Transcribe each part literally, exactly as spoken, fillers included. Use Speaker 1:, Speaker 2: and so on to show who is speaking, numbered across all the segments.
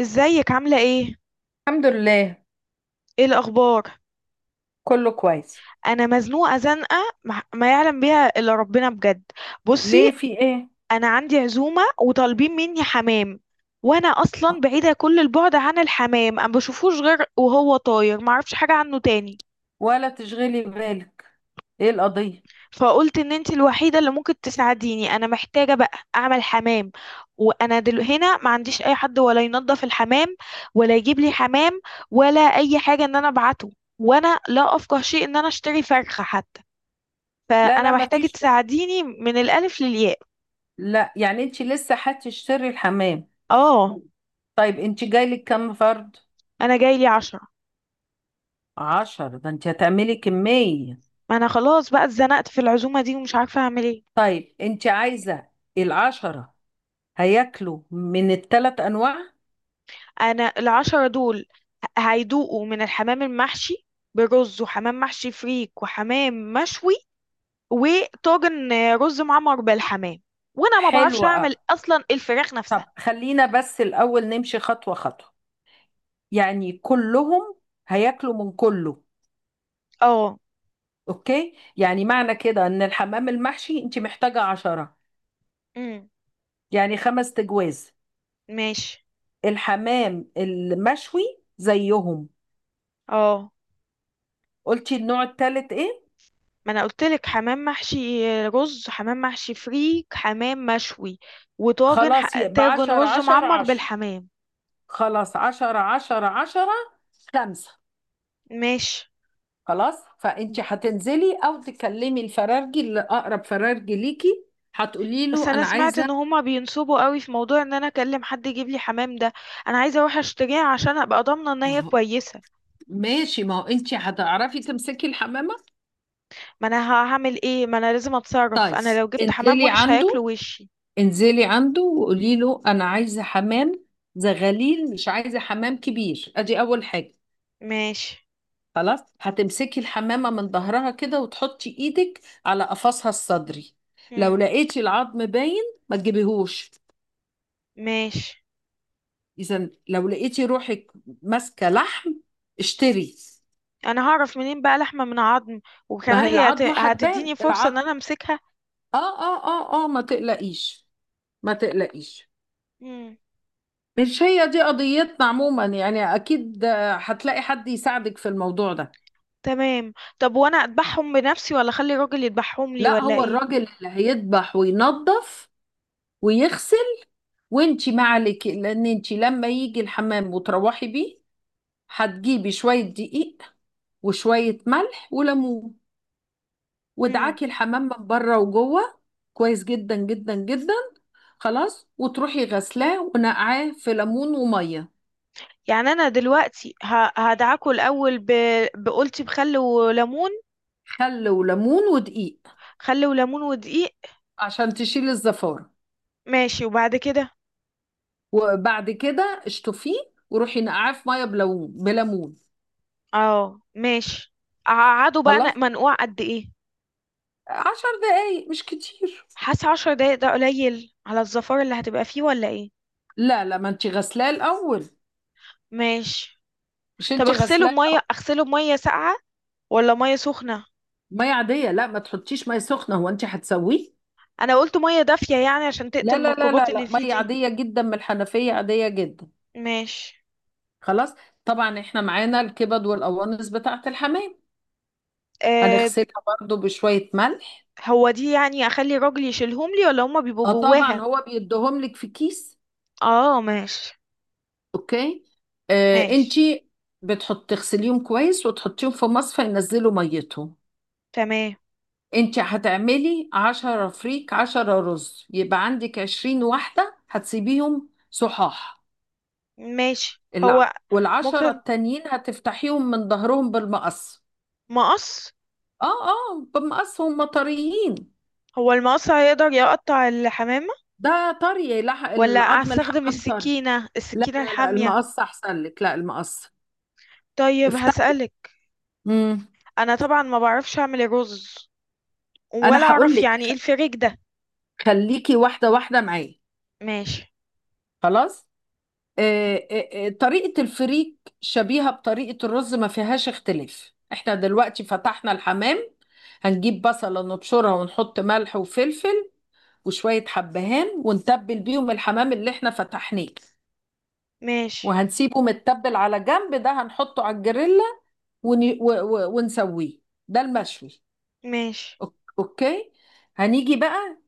Speaker 1: ازيك عاملة ايه؟
Speaker 2: الحمد لله.
Speaker 1: ايه الأخبار؟
Speaker 2: كله كويس.
Speaker 1: أنا مزنوقة زنقة، مح- ما يعلم بيها إلا ربنا بجد. بصي،
Speaker 2: ليه، في ايه؟
Speaker 1: أنا عندي عزومة وطالبين مني حمام. وأنا أصلا بعيدة كل البعد عن الحمام، أنا بشوفوش غير وهو طاير، معرفش حاجة عنه تاني.
Speaker 2: ولا تشغلي بالك. ايه القضية؟
Speaker 1: فقلت إن انتي الوحيدة اللي ممكن تساعديني، أنا محتاجة بقى أعمل حمام. وأنا دل هنا ما عنديش أي حد ولا ينظف الحمام، ولا يجيب لي حمام، ولا أي حاجة إن أنا أبعته. وأنا لا أفقه شيء إن أنا أشتري فرخة حتى.
Speaker 2: لا
Speaker 1: فانا
Speaker 2: لا، ما
Speaker 1: محتاجة
Speaker 2: فيش.
Speaker 1: تساعديني من الالف للياء.
Speaker 2: لا، يعني انت لسه هتشتري الحمام؟
Speaker 1: اه،
Speaker 2: طيب، انت جايلك كام فرد؟
Speaker 1: انا جاي لي عشرة.
Speaker 2: عشرة؟ ده انت هتعملي كمية.
Speaker 1: ما انا خلاص بقى اتزنقت في العزومة دي ومش عارفة اعمل ايه.
Speaker 2: طيب، انت عايزة العشرة هياكلوا من الثلاث انواع؟
Speaker 1: انا العشرة دول ه- هيدوقوا من الحمام المحشي برز، وحمام محشي فريك، وحمام مشوي، وطاجن رز معمر بالحمام. وانا ما بعرفش
Speaker 2: حلوة أوي.
Speaker 1: اعمل اصلا الفراخ
Speaker 2: طب
Speaker 1: نفسها.
Speaker 2: خلينا بس الاول نمشي خطوة خطوة. يعني كلهم هياكلوا من كله؟
Speaker 1: اه.
Speaker 2: اوكي، يعني معنى كده ان الحمام المحشي انت محتاجة عشرة،
Speaker 1: امم.
Speaker 2: يعني خمس تجواز.
Speaker 1: ماشي.
Speaker 2: الحمام المشوي زيهم.
Speaker 1: اه،
Speaker 2: قلتي النوع التالت ايه؟
Speaker 1: ما انا قلت لك حمام محشي رز، حمام محشي فريك، حمام مشوي، وطاجن
Speaker 2: خلاص،
Speaker 1: ح-
Speaker 2: يبقى
Speaker 1: طاجن
Speaker 2: عشرة
Speaker 1: رز
Speaker 2: عشرة
Speaker 1: معمر
Speaker 2: عشرة
Speaker 1: بالحمام.
Speaker 2: خلاص عشرة عشرة عشرة، خمسة.
Speaker 1: ماشي.
Speaker 2: خلاص،
Speaker 1: ب-
Speaker 2: فانت هتنزلي او تكلمي الفرارجي اللي اقرب فرارجي ليكي. هتقولي
Speaker 1: بس
Speaker 2: له
Speaker 1: انا
Speaker 2: انا
Speaker 1: سمعت
Speaker 2: عايزة.
Speaker 1: ان هما بينصبوا قوي في موضوع ان انا اكلم حد يجيب لي حمام ده. انا عايزه اروح اشتريها عشان ابقى ضامنه ان
Speaker 2: ما
Speaker 1: هي
Speaker 2: هو-
Speaker 1: كويسه.
Speaker 2: ماشي، ما هو انت هتعرفي تمسكي الحمامة.
Speaker 1: ما انا ه- هعمل ايه، ما انا لازم اتصرف،
Speaker 2: طيب
Speaker 1: انا لو جبت حمام
Speaker 2: انزلي
Speaker 1: وحش
Speaker 2: عنده.
Speaker 1: هياكلوا وشي.
Speaker 2: انزلي عنده وقولي له انا عايزه حمام زغاليل، مش عايزه حمام كبير. ادي اول حاجه.
Speaker 1: ماشي.
Speaker 2: خلاص هتمسكي الحمامه من ظهرها كده وتحطي ايدك على قفصها الصدري. لو
Speaker 1: مم.
Speaker 2: لقيتي العظم باين، ما تجيبيهوش.
Speaker 1: ماشي.
Speaker 2: اذا لو لقيتي روحك ماسكه لحم، اشتري.
Speaker 1: انا هعرف منين بقى لحمه من عظم،
Speaker 2: ما
Speaker 1: وكمان
Speaker 2: هي
Speaker 1: هي هت...
Speaker 2: العظمه هتبان
Speaker 1: هتديني فرصه
Speaker 2: العظم.
Speaker 1: ان انا امسكها.
Speaker 2: اه اه اه اه، ما تقلقيش، ما تقلقيش.
Speaker 1: مم.
Speaker 2: مش هي دي قضيتنا عموما. يعني اكيد آه، هتلاقي حد يساعدك في الموضوع ده.
Speaker 1: تمام. طب وانا اذبحهم بنفسي ولا اخلي الراجل يذبحهم لي
Speaker 2: لا،
Speaker 1: ولا
Speaker 2: هو
Speaker 1: ايه؟
Speaker 2: الراجل اللي هيذبح وينظف ويغسل. وانتي ما عليك، لان انتي لما يجي الحمام وتروحي بيه هتجيبي شوية دقيق وشوية ملح وليمون،
Speaker 1: مم.
Speaker 2: وادعكي الحمام من بره وجوه كويس جدا جدا جدا. خلاص، وتروحي غسلاه ونقعاه في ليمون ومية.
Speaker 1: يعني انا دلوقتي ه- هدعكه الاول ب... بقولتي بخل وليمون.
Speaker 2: خل وليمون ودقيق
Speaker 1: خل وليمون ودقيق.
Speaker 2: عشان تشيل الزفارة.
Speaker 1: ماشي، وبعد كده.
Speaker 2: وبعد كده اشطفيه، وروحي نقعاه في مية بليمون بليمون.
Speaker 1: اه ماشي. اقعده بقى
Speaker 2: خلاص،
Speaker 1: ن- منقوع قد ايه؟
Speaker 2: عشر دقايق، مش كتير.
Speaker 1: حاسه عشر دقايق ده قليل على الزفارة اللي هتبقى فيه ولا ايه؟
Speaker 2: لا لا، ما انت غسلاه الاول.
Speaker 1: ماشي.
Speaker 2: مش
Speaker 1: طب
Speaker 2: انت
Speaker 1: اغسله
Speaker 2: غسلاه؟
Speaker 1: بميه، اغسله بميه ساقعه ولا ميه سخنه؟
Speaker 2: ميه عاديه، لا ما تحطيش ميه سخنه، هو انت هتسويه.
Speaker 1: انا قلت ميه دافيه يعني عشان تقتل
Speaker 2: لا لا لا
Speaker 1: الميكروبات
Speaker 2: لا
Speaker 1: اللي
Speaker 2: لا،
Speaker 1: فيه
Speaker 2: ميه
Speaker 1: دي.
Speaker 2: عاديه جدا من الحنفيه، عاديه جدا.
Speaker 1: ماشي.
Speaker 2: خلاص. طبعا احنا معانا الكبد والقوانص بتاعه الحمام.
Speaker 1: آه،
Speaker 2: هنغسلها برضو بشويه ملح.
Speaker 1: هو دي يعني اخلي الراجل يشيلهم لي ولا هما بيبقوا
Speaker 2: اه طبعا،
Speaker 1: جواها؟
Speaker 2: هو بيديهم لك في كيس.
Speaker 1: اه ماشي.
Speaker 2: اوكي. آه انت
Speaker 1: ماشي.
Speaker 2: بتحط تغسليهم كويس وتحطيهم في مصفى ينزلوا ميتهم.
Speaker 1: تمام.
Speaker 2: انت هتعملي عشرة فريك عشرة رز، يبقى عندك عشرين واحدة هتسيبيهم صحاح.
Speaker 1: ماشي.
Speaker 2: الع...
Speaker 1: هو
Speaker 2: والعشرة
Speaker 1: ممكن
Speaker 2: التانيين هتفتحيهم من ظهرهم بالمقص.
Speaker 1: مقص؟
Speaker 2: اه اه، بالمقص، هم طريين.
Speaker 1: هو المقص هيقدر يقطع الحمامة،
Speaker 2: ده طري، لا
Speaker 1: ولا
Speaker 2: العظم
Speaker 1: استخدم
Speaker 2: الحمام طري.
Speaker 1: السكينة،
Speaker 2: لا
Speaker 1: السكينة
Speaker 2: لا لا،
Speaker 1: الحامية؟
Speaker 2: المقص احسن لك، لا المقص.
Speaker 1: طيب
Speaker 2: افتح.
Speaker 1: هسألك.
Speaker 2: مم.
Speaker 1: انا طبعا ما بعرفش اعمل الرز،
Speaker 2: انا
Speaker 1: ولا
Speaker 2: هقول
Speaker 1: اعرف
Speaker 2: لك،
Speaker 1: يعني ايه الفريك ده.
Speaker 2: خليكي واحدة واحدة معايا.
Speaker 1: ماشي.
Speaker 2: خلاص. آه، آه، آه، طريقة الفريك شبيهة بطريقة الرز، ما فيهاش اختلاف. احنا دلوقتي فتحنا الحمام، هنجيب بصلة نبشرها ونحط ملح وفلفل وشوية حبهان ونتبل بيهم الحمام اللي احنا فتحناه.
Speaker 1: ماشي.
Speaker 2: وهنسيبه متبل على جنب، ده هنحطه على الجريلا ون... و... و... ونسويه، ده المشوي.
Speaker 1: ماشي.
Speaker 2: أوك- اوكي، هنيجي بقى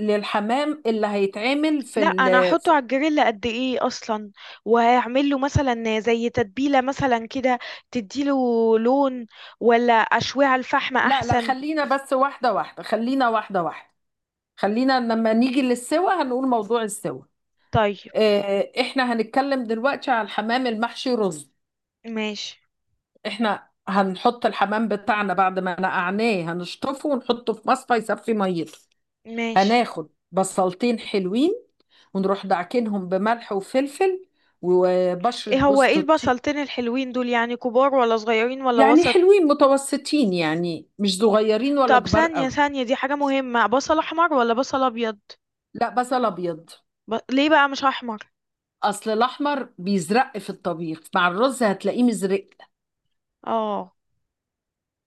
Speaker 2: للحمام اللي هيتعمل في
Speaker 1: لا،
Speaker 2: ال...
Speaker 1: انا هحطه
Speaker 2: في-
Speaker 1: على الجريل قد ايه اصلا؟ وهعمل له مثلا زي تتبيله مثلا كده، تديله لون، ولا اشويه على الفحم
Speaker 2: لا لا،
Speaker 1: احسن؟
Speaker 2: خلينا بس واحدة واحدة، خلينا واحدة واحدة. خلينا لما نيجي للسوا هنقول موضوع السوا.
Speaker 1: طيب.
Speaker 2: آه، احنا هنتكلم دلوقتي على الحمام المحشي رز.
Speaker 1: ماشي.
Speaker 2: احنا هنحط الحمام بتاعنا بعد ما نقعناه، هنشطفه ونحطه في مصفى يصفي ميته.
Speaker 1: ماشي.
Speaker 2: هناخد بصلتين حلوين، ونروح دعكنهم بملح وفلفل وبشرة
Speaker 1: ايه هو
Speaker 2: جوز
Speaker 1: ايه
Speaker 2: الطيب.
Speaker 1: البصلتين الحلوين دول؟ يعني كبار ولا صغيرين ولا
Speaker 2: يعني
Speaker 1: وسط؟
Speaker 2: حلوين متوسطين، يعني مش صغيرين ولا
Speaker 1: طب
Speaker 2: كبار
Speaker 1: ثانيه
Speaker 2: قوي.
Speaker 1: ثانيه، دي حاجه مهمه، بصل احمر ولا بصل ابيض؟
Speaker 2: لا، بصل ابيض.
Speaker 1: ب... ليه بقى مش احمر؟
Speaker 2: اصل الاحمر بيزرق في الطبيخ مع الرز، هتلاقيه مزرق،
Speaker 1: اه.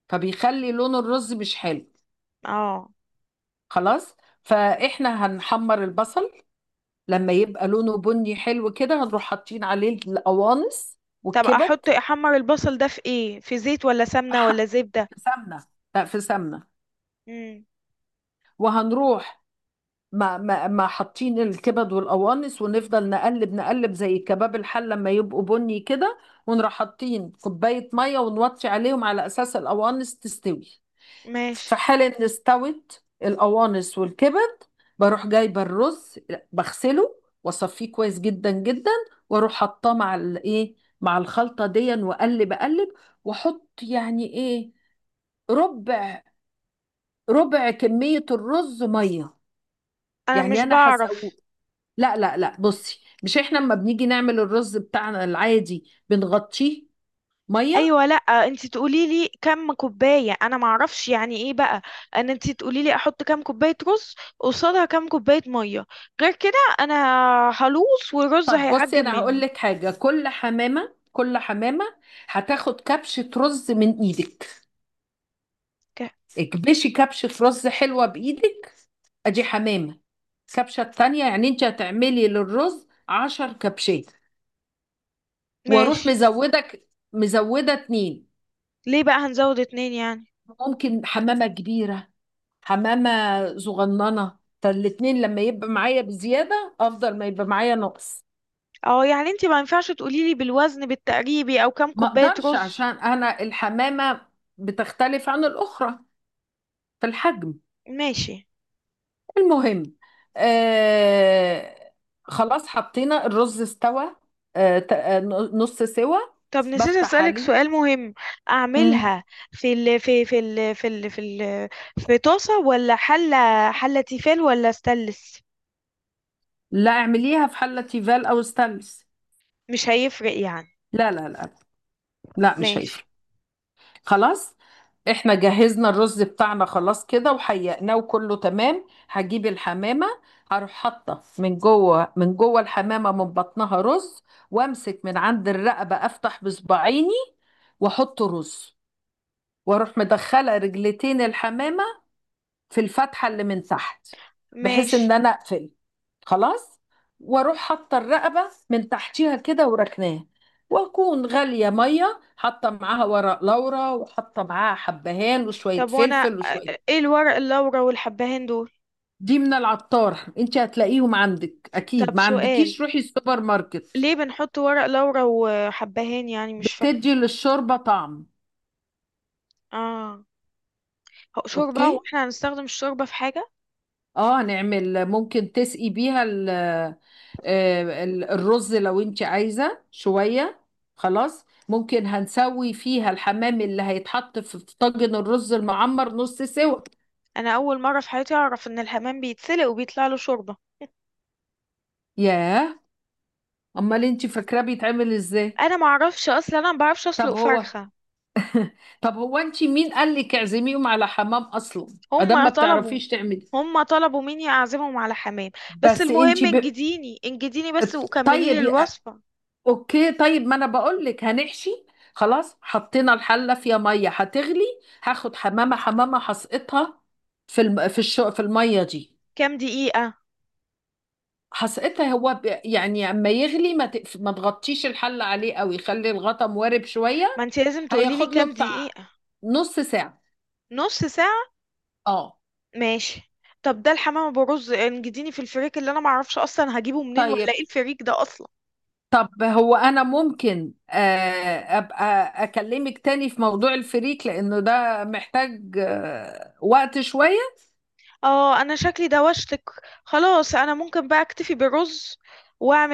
Speaker 2: فبيخلي لون الرز مش حلو.
Speaker 1: اه.
Speaker 2: خلاص، فاحنا هنحمر البصل، لما يبقى لونه بني حلو كده هنروح حاطين عليه القوانص
Speaker 1: طب
Speaker 2: والكبد.
Speaker 1: احط احمر البصل ده في ايه؟ في زيت ولا
Speaker 2: في
Speaker 1: سمنه ولا
Speaker 2: ح-
Speaker 1: زبده؟
Speaker 2: في سمنه، لا في سمنه.
Speaker 1: امم.
Speaker 2: وهنروح ما ما ما حاطين الكبد والقوانص ونفضل نقلب نقلب زي كباب الحل لما يبقوا بني كده، ونروح حاطين كوبايه ميه ونوطي عليهم على اساس القوانص تستوي.
Speaker 1: ماشي.
Speaker 2: في حال ان استوت القوانص والكبد، بروح جايبه الرز، بغسله واصفيه كويس جدا جدا، واروح حطاه مع الايه، مع الخلطه دي، واقلب اقلب، واحط يعني ايه، ربع ربع كميه الرز ميه.
Speaker 1: انا
Speaker 2: يعني
Speaker 1: مش
Speaker 2: انا هسويه.
Speaker 1: بعرف.
Speaker 2: لا لا لا، بصي، مش احنا لما بنيجي نعمل الرز بتاعنا العادي بنغطيه ميه؟
Speaker 1: ايوه، لا، انت تقولي لي كم كوبايه، انا ما اعرفش يعني ايه بقى. ان انت تقولي لي احط كم كوبايه رز قصادها كم كوبايه ميه، غير كده انا هلوص والرز
Speaker 2: طب بصي،
Speaker 1: هيعجب
Speaker 2: انا هقول
Speaker 1: مني.
Speaker 2: لك حاجه، كل حمامه كل حمامه هتاخد كبشه رز من ايدك.
Speaker 1: ك-
Speaker 2: اكبشي كبشة رز حلوة بإيدك، أدي حمامة. الكبشة التانية، يعني أنت هتعملي للرز عشر كبشات. وأروح
Speaker 1: ماشي.
Speaker 2: مزودك، مزودة اتنين.
Speaker 1: ليه بقى هنزود اتنين يعني؟
Speaker 2: ممكن حمامة كبيرة، حمامة صغننة، فالاتنين لما يبقى معايا بزيادة أفضل ما يبقى معايا نقص.
Speaker 1: اه، يعني انت ما ينفعش تقولي لي بالوزن بالتقريبي او كم
Speaker 2: ما
Speaker 1: كوبايه
Speaker 2: أقدرش عشان
Speaker 1: رز؟
Speaker 2: أنا الحمامة بتختلف عن الأخرى في الحجم.
Speaker 1: ماشي.
Speaker 2: المهم، آه خلاص حطينا الرز استوى. آه ت- آه، نص سوا.
Speaker 1: طب نسيت
Speaker 2: بفتح
Speaker 1: اسالك
Speaker 2: عليه.
Speaker 1: سؤال مهم،
Speaker 2: مم.
Speaker 1: اعملها في ال في في ال في ال في ال في طاسه ولا حله؟ حله تيفال ولا استانلس؟
Speaker 2: لا، اعمليها في حلة تيفال او ستانلس.
Speaker 1: مش هيفرق يعني؟
Speaker 2: لا لا لا لا، مش هيفرق.
Speaker 1: ماشي.
Speaker 2: خلاص، احنا جهزنا الرز بتاعنا خلاص كده وحيقناه وكله تمام، هجيب الحمامة. هروح حاطة من جوه من جوه الحمامة من بطنها رز، وامسك من عند الرقبة، افتح بصباعيني واحط رز. واروح مدخله رجلتين الحمامه في الفتحه اللي من تحت، بحيث ان
Speaker 1: ماشي.
Speaker 2: انا اقفل. خلاص. واروح حاطه الرقبه من تحتيها كده وراكناها، واكون غاليه ميه حاطه معاها ورق لورا وحاطه معاها حبهان وشويه
Speaker 1: طب وانا
Speaker 2: فلفل وشويه.
Speaker 1: ايه الورق اللورا والحبهان دول؟
Speaker 2: دي من العطار، انت هتلاقيهم عندك اكيد،
Speaker 1: طب
Speaker 2: ما
Speaker 1: سؤال،
Speaker 2: عندكيش روحي السوبر ماركت.
Speaker 1: ليه بنحط ورق لورا وحبهان؟ يعني مش فاهم.
Speaker 2: بتدي للشوربه طعم.
Speaker 1: اه، هو شوربة؟
Speaker 2: اوكي.
Speaker 1: واحنا هنستخدم الشوربة في حاجة؟
Speaker 2: اه نعمل، ممكن تسقي بيها ال- آه، ال- الرز لو انت عايزة شوية. خلاص، ممكن هنسوي فيها الحمام اللي هيتحط في في طاجن الرز المعمر، نص سوا.
Speaker 1: انا اول مرة في حياتي اعرف ان الحمام بيتسلق وبيطلع له شوربة.
Speaker 2: ياه، امال انت فاكراه بيتعمل ازاي؟
Speaker 1: انا ما اعرفش اصلا، انا ما بعرفش اسلق
Speaker 2: طب هو
Speaker 1: فرخة.
Speaker 2: طب هو انت مين قال لك اعزميهم على حمام اصلا؟ ادام
Speaker 1: هم
Speaker 2: ما
Speaker 1: طلبوا.
Speaker 2: بتعرفيش تعملي.
Speaker 1: هم طلبوا مني اعزمهم على حمام. بس
Speaker 2: بس انت
Speaker 1: المهم
Speaker 2: ب...
Speaker 1: انجديني انجديني بس وكملي لي
Speaker 2: طيب.
Speaker 1: الوصفة.
Speaker 2: اوكي، طيب ما انا بقول لك هنحشي. خلاص حطينا الحله فيها ميه هتغلي. هاخد حمامه حمامه هسقطها في الم... في الشو... في الميه دي.
Speaker 1: كام دقيقة؟
Speaker 2: هسقطها هو ب... يعني اما يغلي، ما, تقف... ما تغطيش الحله عليه قوي، خلي الغطا موارب شويه.
Speaker 1: ما انت لازم تقولي لي
Speaker 2: هياخد له
Speaker 1: كام
Speaker 2: بتاع
Speaker 1: دقيقة.
Speaker 2: نص ساعه.
Speaker 1: نص ساعة؟
Speaker 2: اه.
Speaker 1: ماشي. طب ده الحمام ابو رز، انجديني في الفريك، اللي انا معرفش اصلا هجيبه منين، ولا
Speaker 2: طيب،
Speaker 1: ايه الفريك ده اصلا؟
Speaker 2: طب هو انا ممكن آه، ابقى اكلمك تاني في موضوع الفريك، لانه ده محتاج آه، وقت شويه.
Speaker 1: اه، انا شكلي دوشتك. خلاص انا ممكن بقى اكتفي بالرز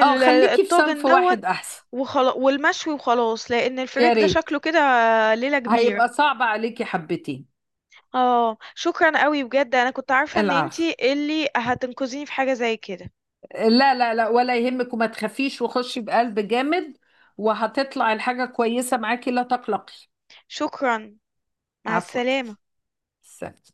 Speaker 2: اه، خليكي في
Speaker 1: الطاجن
Speaker 2: صنف
Speaker 1: دوت.
Speaker 2: واحد احسن.
Speaker 1: وخلاص والمشوي وخلاص، لان
Speaker 2: يا
Speaker 1: الفريك ده
Speaker 2: ريت.
Speaker 1: شكله كده ليلة كبيرة.
Speaker 2: هيبقى صعب عليكي حبتين.
Speaker 1: اه، شكرا قوي بجد، انا كنت عارفة ان
Speaker 2: العفو.
Speaker 1: انتي اللي هتنقذيني في حاجة زي كده.
Speaker 2: لا لا لا، ولا يهمك، وما تخافيش، وخشي بقلب جامد، وهتطلع الحاجة كويسة معاكي، لا تقلقي.
Speaker 1: شكرا. مع
Speaker 2: عفوا.
Speaker 1: السلامة.
Speaker 2: سلام.